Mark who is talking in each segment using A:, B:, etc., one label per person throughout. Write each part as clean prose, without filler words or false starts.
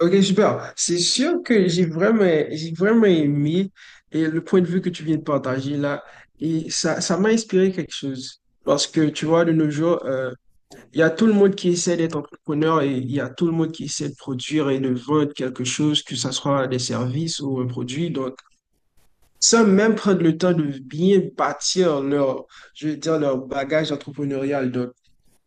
A: Ok, super. C'est sûr que j'ai vraiment aimé et le point de vue que tu viens de partager là. Et ça m'a inspiré quelque chose. Parce que tu vois, de nos jours, il y a tout le monde qui essaie d'être entrepreneur et il y a tout le monde qui essaie de produire et de vendre quelque chose, que ce soit des services ou un produit. Donc, sans même prendre le temps de bien bâtir leur, je veux dire, leur bagage entrepreneurial. Donc,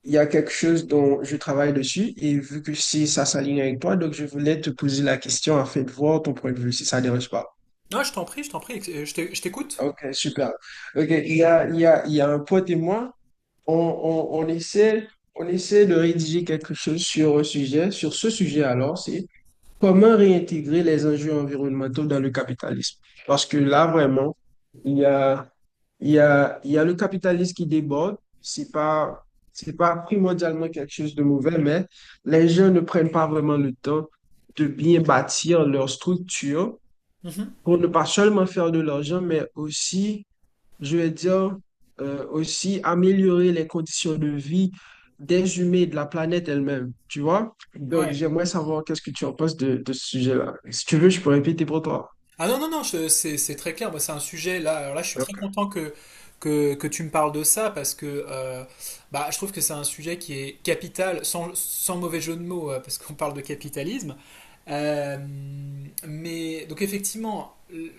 A: il y a quelque chose dont je travaille dessus et vu que si ça s'aligne avec toi, donc je voulais te poser la question afin de voir ton point de vue, si ça ne dérange pas.
B: Non, je t'en prie, je t'en prie, je t'écoute.
A: Ok, super. Ok, il y a, il y a, il y a un pote et moi, on, on, on essaie, on essaie de rédiger quelque chose sur un sujet, sur ce sujet alors, c'est: comment réintégrer les enjeux environnementaux dans le capitalisme? Parce que là, vraiment, il y a, il y a le capitalisme qui déborde. C'est pas primordialement quelque chose de mauvais, mais les gens ne prennent pas vraiment le temps de bien bâtir leur structure
B: Mhm.
A: pour ne pas seulement faire de l'argent, mais aussi, je veux dire, aussi améliorer les conditions de vie des humains et de la planète elle-même, tu vois? Donc,
B: Ouais.
A: j'aimerais savoir qu'est-ce que tu en penses de ce sujet-là. Si tu veux, je peux répéter pour toi.
B: Ah non, non, non, c'est très clair. Moi, c'est un sujet là. Alors là, je suis très
A: Ok.
B: content que tu me parles de ça parce que bah, je trouve que c'est un sujet qui est capital, sans mauvais jeu de mots, parce qu'on parle de capitalisme. Euh, mais donc, effectivement, le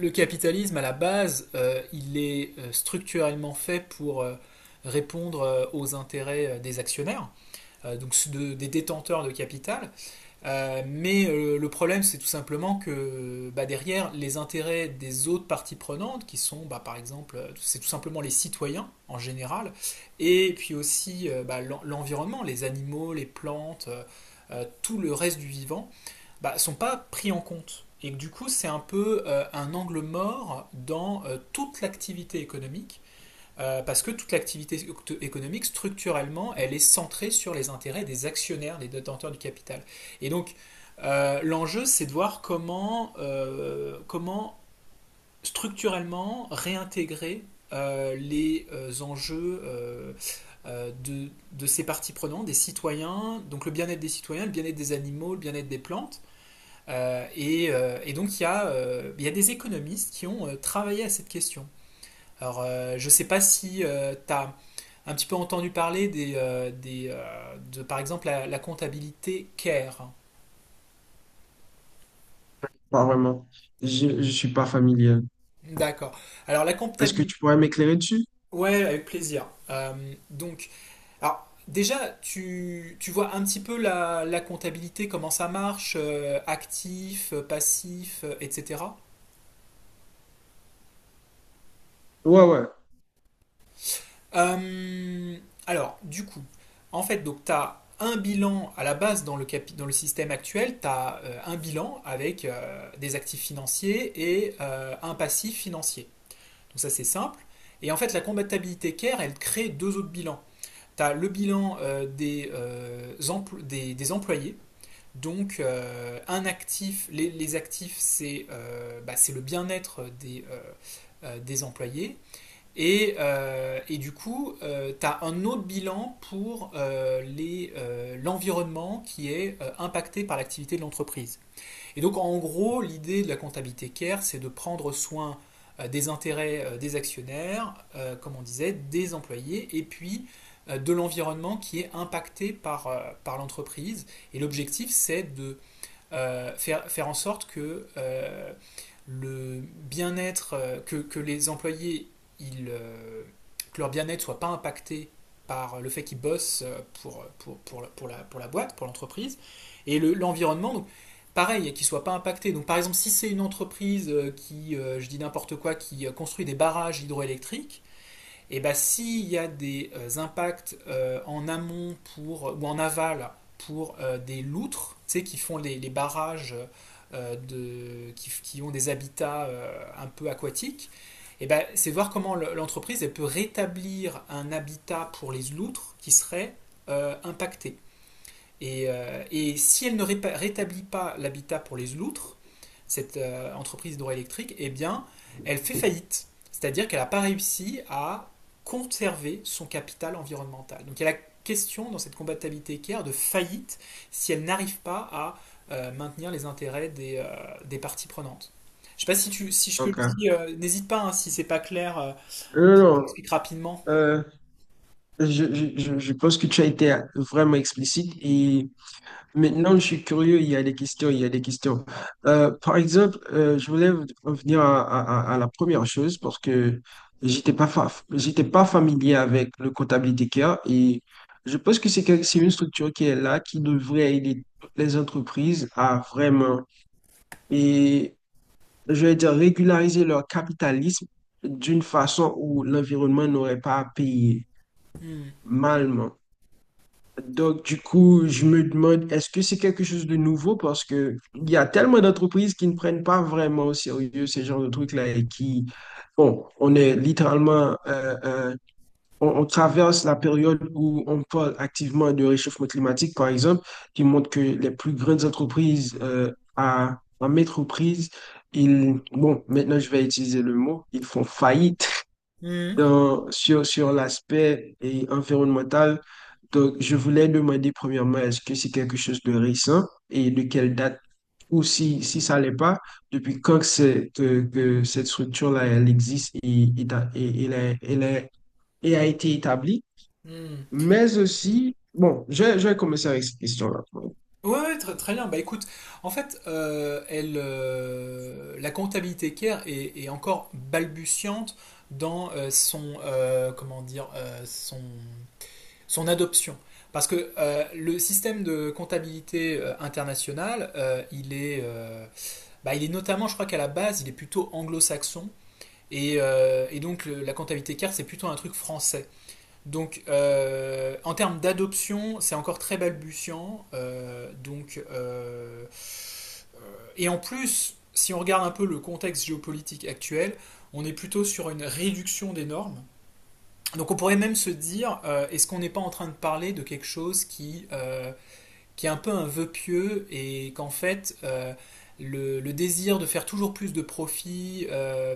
B: le capitalisme à la base, il est structurellement fait pour répondre aux intérêts des actionnaires, donc des détenteurs de capital. Mais le problème, c'est tout simplement que bah, derrière, les intérêts des autres parties prenantes, qui sont bah, par exemple, c'est tout simplement les citoyens en général, et puis aussi bah, l'environnement, les animaux, les plantes, tout le reste du vivant, bah, sont pas pris en compte. Et du coup, c'est un peu un angle mort dans toute l'activité économique parce que toute l'activité économique, structurellement, elle est centrée sur les intérêts des actionnaires, des détenteurs du capital. Et donc, l'enjeu, c'est de voir comment, comment structurellement réintégrer les enjeux ces parties prenantes, des citoyens, donc le bien-être des citoyens, le bien-être des animaux, le bien-être des plantes. Et donc, il y a des économistes qui ont travaillé à cette question. Alors, je sais pas si tu as un petit peu entendu parler des, par exemple, la comptabilité CARE.
A: Pas vraiment. Je ne suis pas familier.
B: D'accord. Alors, la
A: Est-ce que
B: comptabilité.
A: tu pourrais m'éclairer dessus?
B: Ouais, avec plaisir. Donc, alors, déjà, tu vois un petit peu la comptabilité, comment ça marche, actif, passif, etc.
A: Ouais, ouais.
B: Euh, alors, du coup, en fait, donc tu as un bilan à la base dans le système actuel, tu as un bilan avec des actifs financiers et un passif financier. Donc ça, c'est simple. Et en fait, la compatibilité CARE, elle crée deux autres bilans. Tu as le bilan des employés. Donc, un actif, les actifs, c'est bah, c'est le bien-être des employés. Et du coup, tu as un autre bilan pour l'environnement qui est impacté par l'activité de l'entreprise. Et donc, en gros, l'idée de la comptabilité CARE, c'est de prendre soin des intérêts des actionnaires, comme on disait, des employés, et puis de l'environnement qui est impacté par l'entreprise. Et l'objectif, c'est de faire en sorte que le bien-être, que les employés, ils, euh, que leur bien-être soit pas impacté par le fait qu'ils bossent pour la boîte, pour l'entreprise, et l'environnement, donc pareil, qu'ils soient pas impactés. Donc par exemple, si c'est une entreprise qui, je dis n'importe quoi, qui construit des barrages hydroélectriques, et ben s'il y a des impacts en amont pour, ou en aval pour des loutres, tu sais, qui font les barrages qui ont des habitats un peu aquatiques, et ben c'est voir comment l'entreprise elle peut rétablir un habitat pour les loutres qui serait impacté. Et si elle ne rétablit pas l'habitat pour les loutres, cette entreprise d'or électrique, eh bien, elle fait faillite. C'est-à-dire qu'elle n'a pas réussi à conserver son capital environnemental. Donc il y a la question dans cette combattabilité équerre de faillite si elle n'arrive pas à maintenir les intérêts des parties prenantes. Je ne sais pas si ce que je
A: Ok. Non,
B: dis, n'hésite pas hein, si c'est pas clair,
A: non, non.
B: j'explique rapidement.
A: Euh, je, je pense que tu as été vraiment explicite. Et maintenant, je suis curieux, il y a des questions, il y a des questions. Par exemple, je voulais revenir à la première chose parce que j'étais pas familier avec le comptabilité care et je pense que c'est une structure qui est là, qui devrait aider toutes les entreprises à vraiment, et je vais dire, régulariser leur capitalisme d'une façon où l'environnement n'aurait pas à payer
B: Hmm.
A: mal. Donc, du coup, je me demande, est-ce que c'est quelque chose de nouveau? Parce que il y a tellement d'entreprises qui ne prennent pas vraiment au sérieux ce genre de trucs-là et qui, bon, on est littéralement, on traverse la période où on parle activement de réchauffement climatique, par exemple, qui montre que les plus grandes entreprises à, en métroprise, ils, bon, maintenant je vais utiliser le mot, ils font faillite
B: Hmm.
A: sur, sur l'aspect et environnemental. Donc, je voulais demander premièrement, est-ce que c'est quelque chose de récent et de quelle date, ou si, si ça l'est pas, depuis quand que cette structure-là, elle existe et et a été établie.
B: Hmm.
A: Mais aussi, bon, je vais commencer avec cette question-là.
B: Ouais, ouais, très, très bien. Bah écoute, en fait, la comptabilité care est encore balbutiante dans son, comment dire, son adoption. Parce que le système de comptabilité internationale, bah, il est notamment, je crois qu'à la base, il est plutôt anglo-saxon. Et donc la comptabilité care, c'est plutôt un truc français. Donc, en termes d'adoption, c'est encore très balbutiant. Donc, et en plus, si on regarde un peu le contexte géopolitique actuel, on est plutôt sur une réduction des normes. Donc, on pourrait même se dire, est-ce qu'on n'est pas en train de parler de quelque chose qui est un peu un vœu pieux et qu'en fait, le désir de faire toujours plus de profit, euh,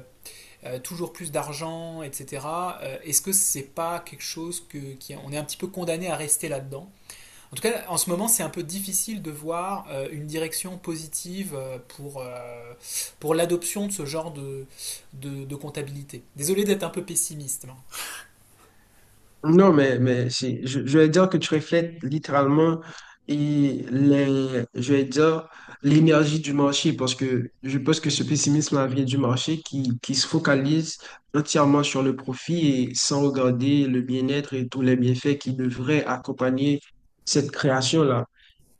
B: euh, toujours plus d'argent, etc. Est-ce que c'est pas quelque chose que qui, on est un petit peu condamné à rester là-dedans. En tout cas, en ce moment, c'est un peu difficile de voir une direction positive pour l'adoption de ce genre de comptabilité. Désolé d'être un peu pessimiste, là.
A: Non, mais si, je vais dire que tu reflètes littéralement et les, je vais dire, l'énergie du marché parce que je pense que ce pessimisme vient du marché qui se focalise entièrement sur le profit et sans regarder le bien-être et tous les bienfaits qui devraient accompagner cette création-là.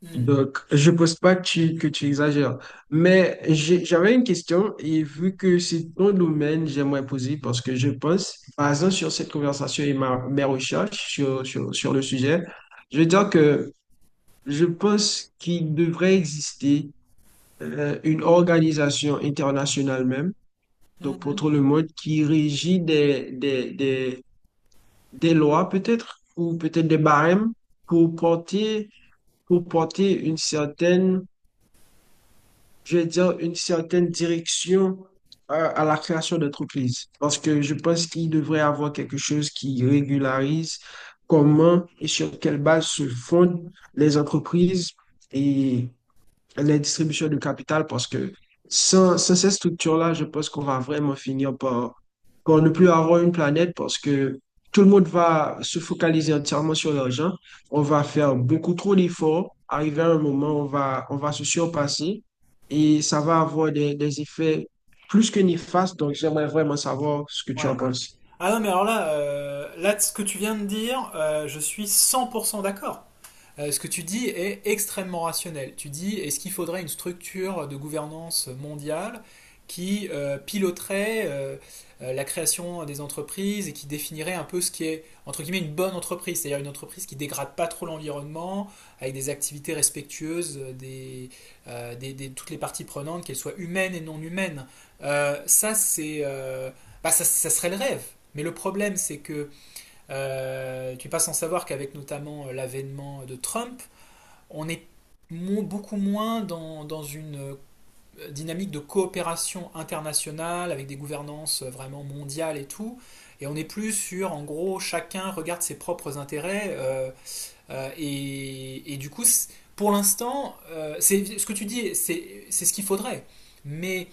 B: Hmm.
A: Donc, je ne pense pas que tu, que tu exagères. Mais j'avais une question et vu que c'est ton domaine, j'aimerais poser parce que je pense, basant sur cette conversation et ma, mes recherches sur le sujet, je veux dire que je pense qu'il devrait exister une organisation internationale même, donc pour tout
B: Mhm.
A: le monde, qui régit des lois peut-être ou peut-être des barèmes pour porter, pour porter une certaine, je vais dire, une certaine direction à la création d'entreprises. Parce que je pense qu'il devrait y avoir quelque chose qui régularise comment et sur quelle base se fondent les entreprises et les distributions de capital parce que sans ces structures-là, je pense qu'on va vraiment finir par, par ne plus avoir une planète parce que tout le monde va se focaliser entièrement sur l'argent. On va faire beaucoup trop d'efforts. Arrivé à un moment, on va se surpasser et ça va avoir des effets plus que néfastes. Donc, j'aimerais vraiment savoir ce que tu
B: Ouais.
A: en penses.
B: Ah non, mais alors là, ce que tu viens de dire, je suis 100% d'accord. Ce que tu dis est extrêmement rationnel. Tu dis, est-ce qu'il faudrait une structure de gouvernance mondiale qui piloterait la création des entreprises et qui définirait un peu ce qui est, entre guillemets, une bonne entreprise, c'est-à-dire une entreprise qui dégrade pas trop l'environnement, avec des activités respectueuses des toutes les parties prenantes, qu'elles soient humaines et non humaines. Ça, c'est, bah, ça serait le rêve. Mais le problème, c'est que tu n'es pas sans savoir qu'avec notamment l'avènement de Trump, on est beaucoup moins dans une dynamique de coopération internationale avec des gouvernances vraiment mondiales et tout. Et on est plus sur, en gros, chacun regarde ses propres intérêts. Et, du coup, pour l'instant, c'est ce que tu dis, c'est ce qu'il faudrait. Mais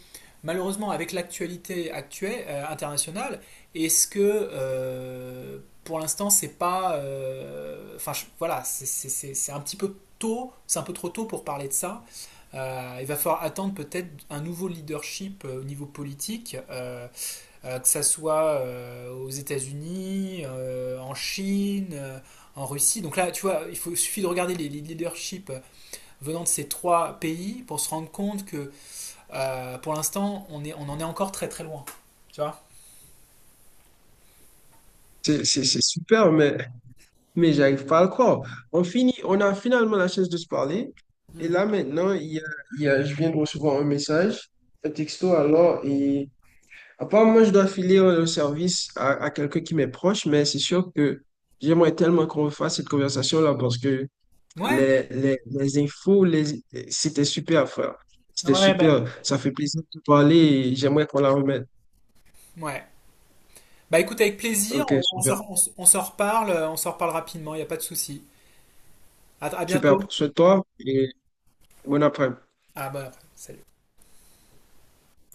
B: malheureusement, avec l'actualité actuelle internationale, est-ce que pour l'instant, c'est pas, enfin voilà, c'est un petit peu tôt, c'est un peu trop tôt pour parler de ça. Il va falloir attendre peut-être un nouveau leadership au niveau politique que ça soit aux États-Unis, en Chine, en Russie. Donc là, tu vois, suffit de regarder les leaderships venant de ces trois pays pour se rendre compte que pour l'instant, on en est encore très très loin. Tu vois?
A: C'est super, mais j'arrive pas à le croire. On finit, on a finalement la chance de se parler. Et
B: Hmm.
A: là, maintenant, je viens de recevoir un message, un texto alors. Et apparemment, je dois filer le service à quelqu'un qui m'est proche, mais c'est sûr que j'aimerais tellement qu'on fasse cette conversation-là parce que
B: Ouais,
A: les, les, les infos, les, c'était super, frère. C'était
B: ouais, bah,
A: super. Ça fait plaisir de te parler et j'aimerais qu'on la remette.
B: ouais. Bah écoute, avec plaisir,
A: Ok, super.
B: on s'en reparle rapidement, il n'y a pas de souci. À
A: Super.
B: bientôt.
A: Souhaite-toi et bon après-midi.
B: Ah bah, salut.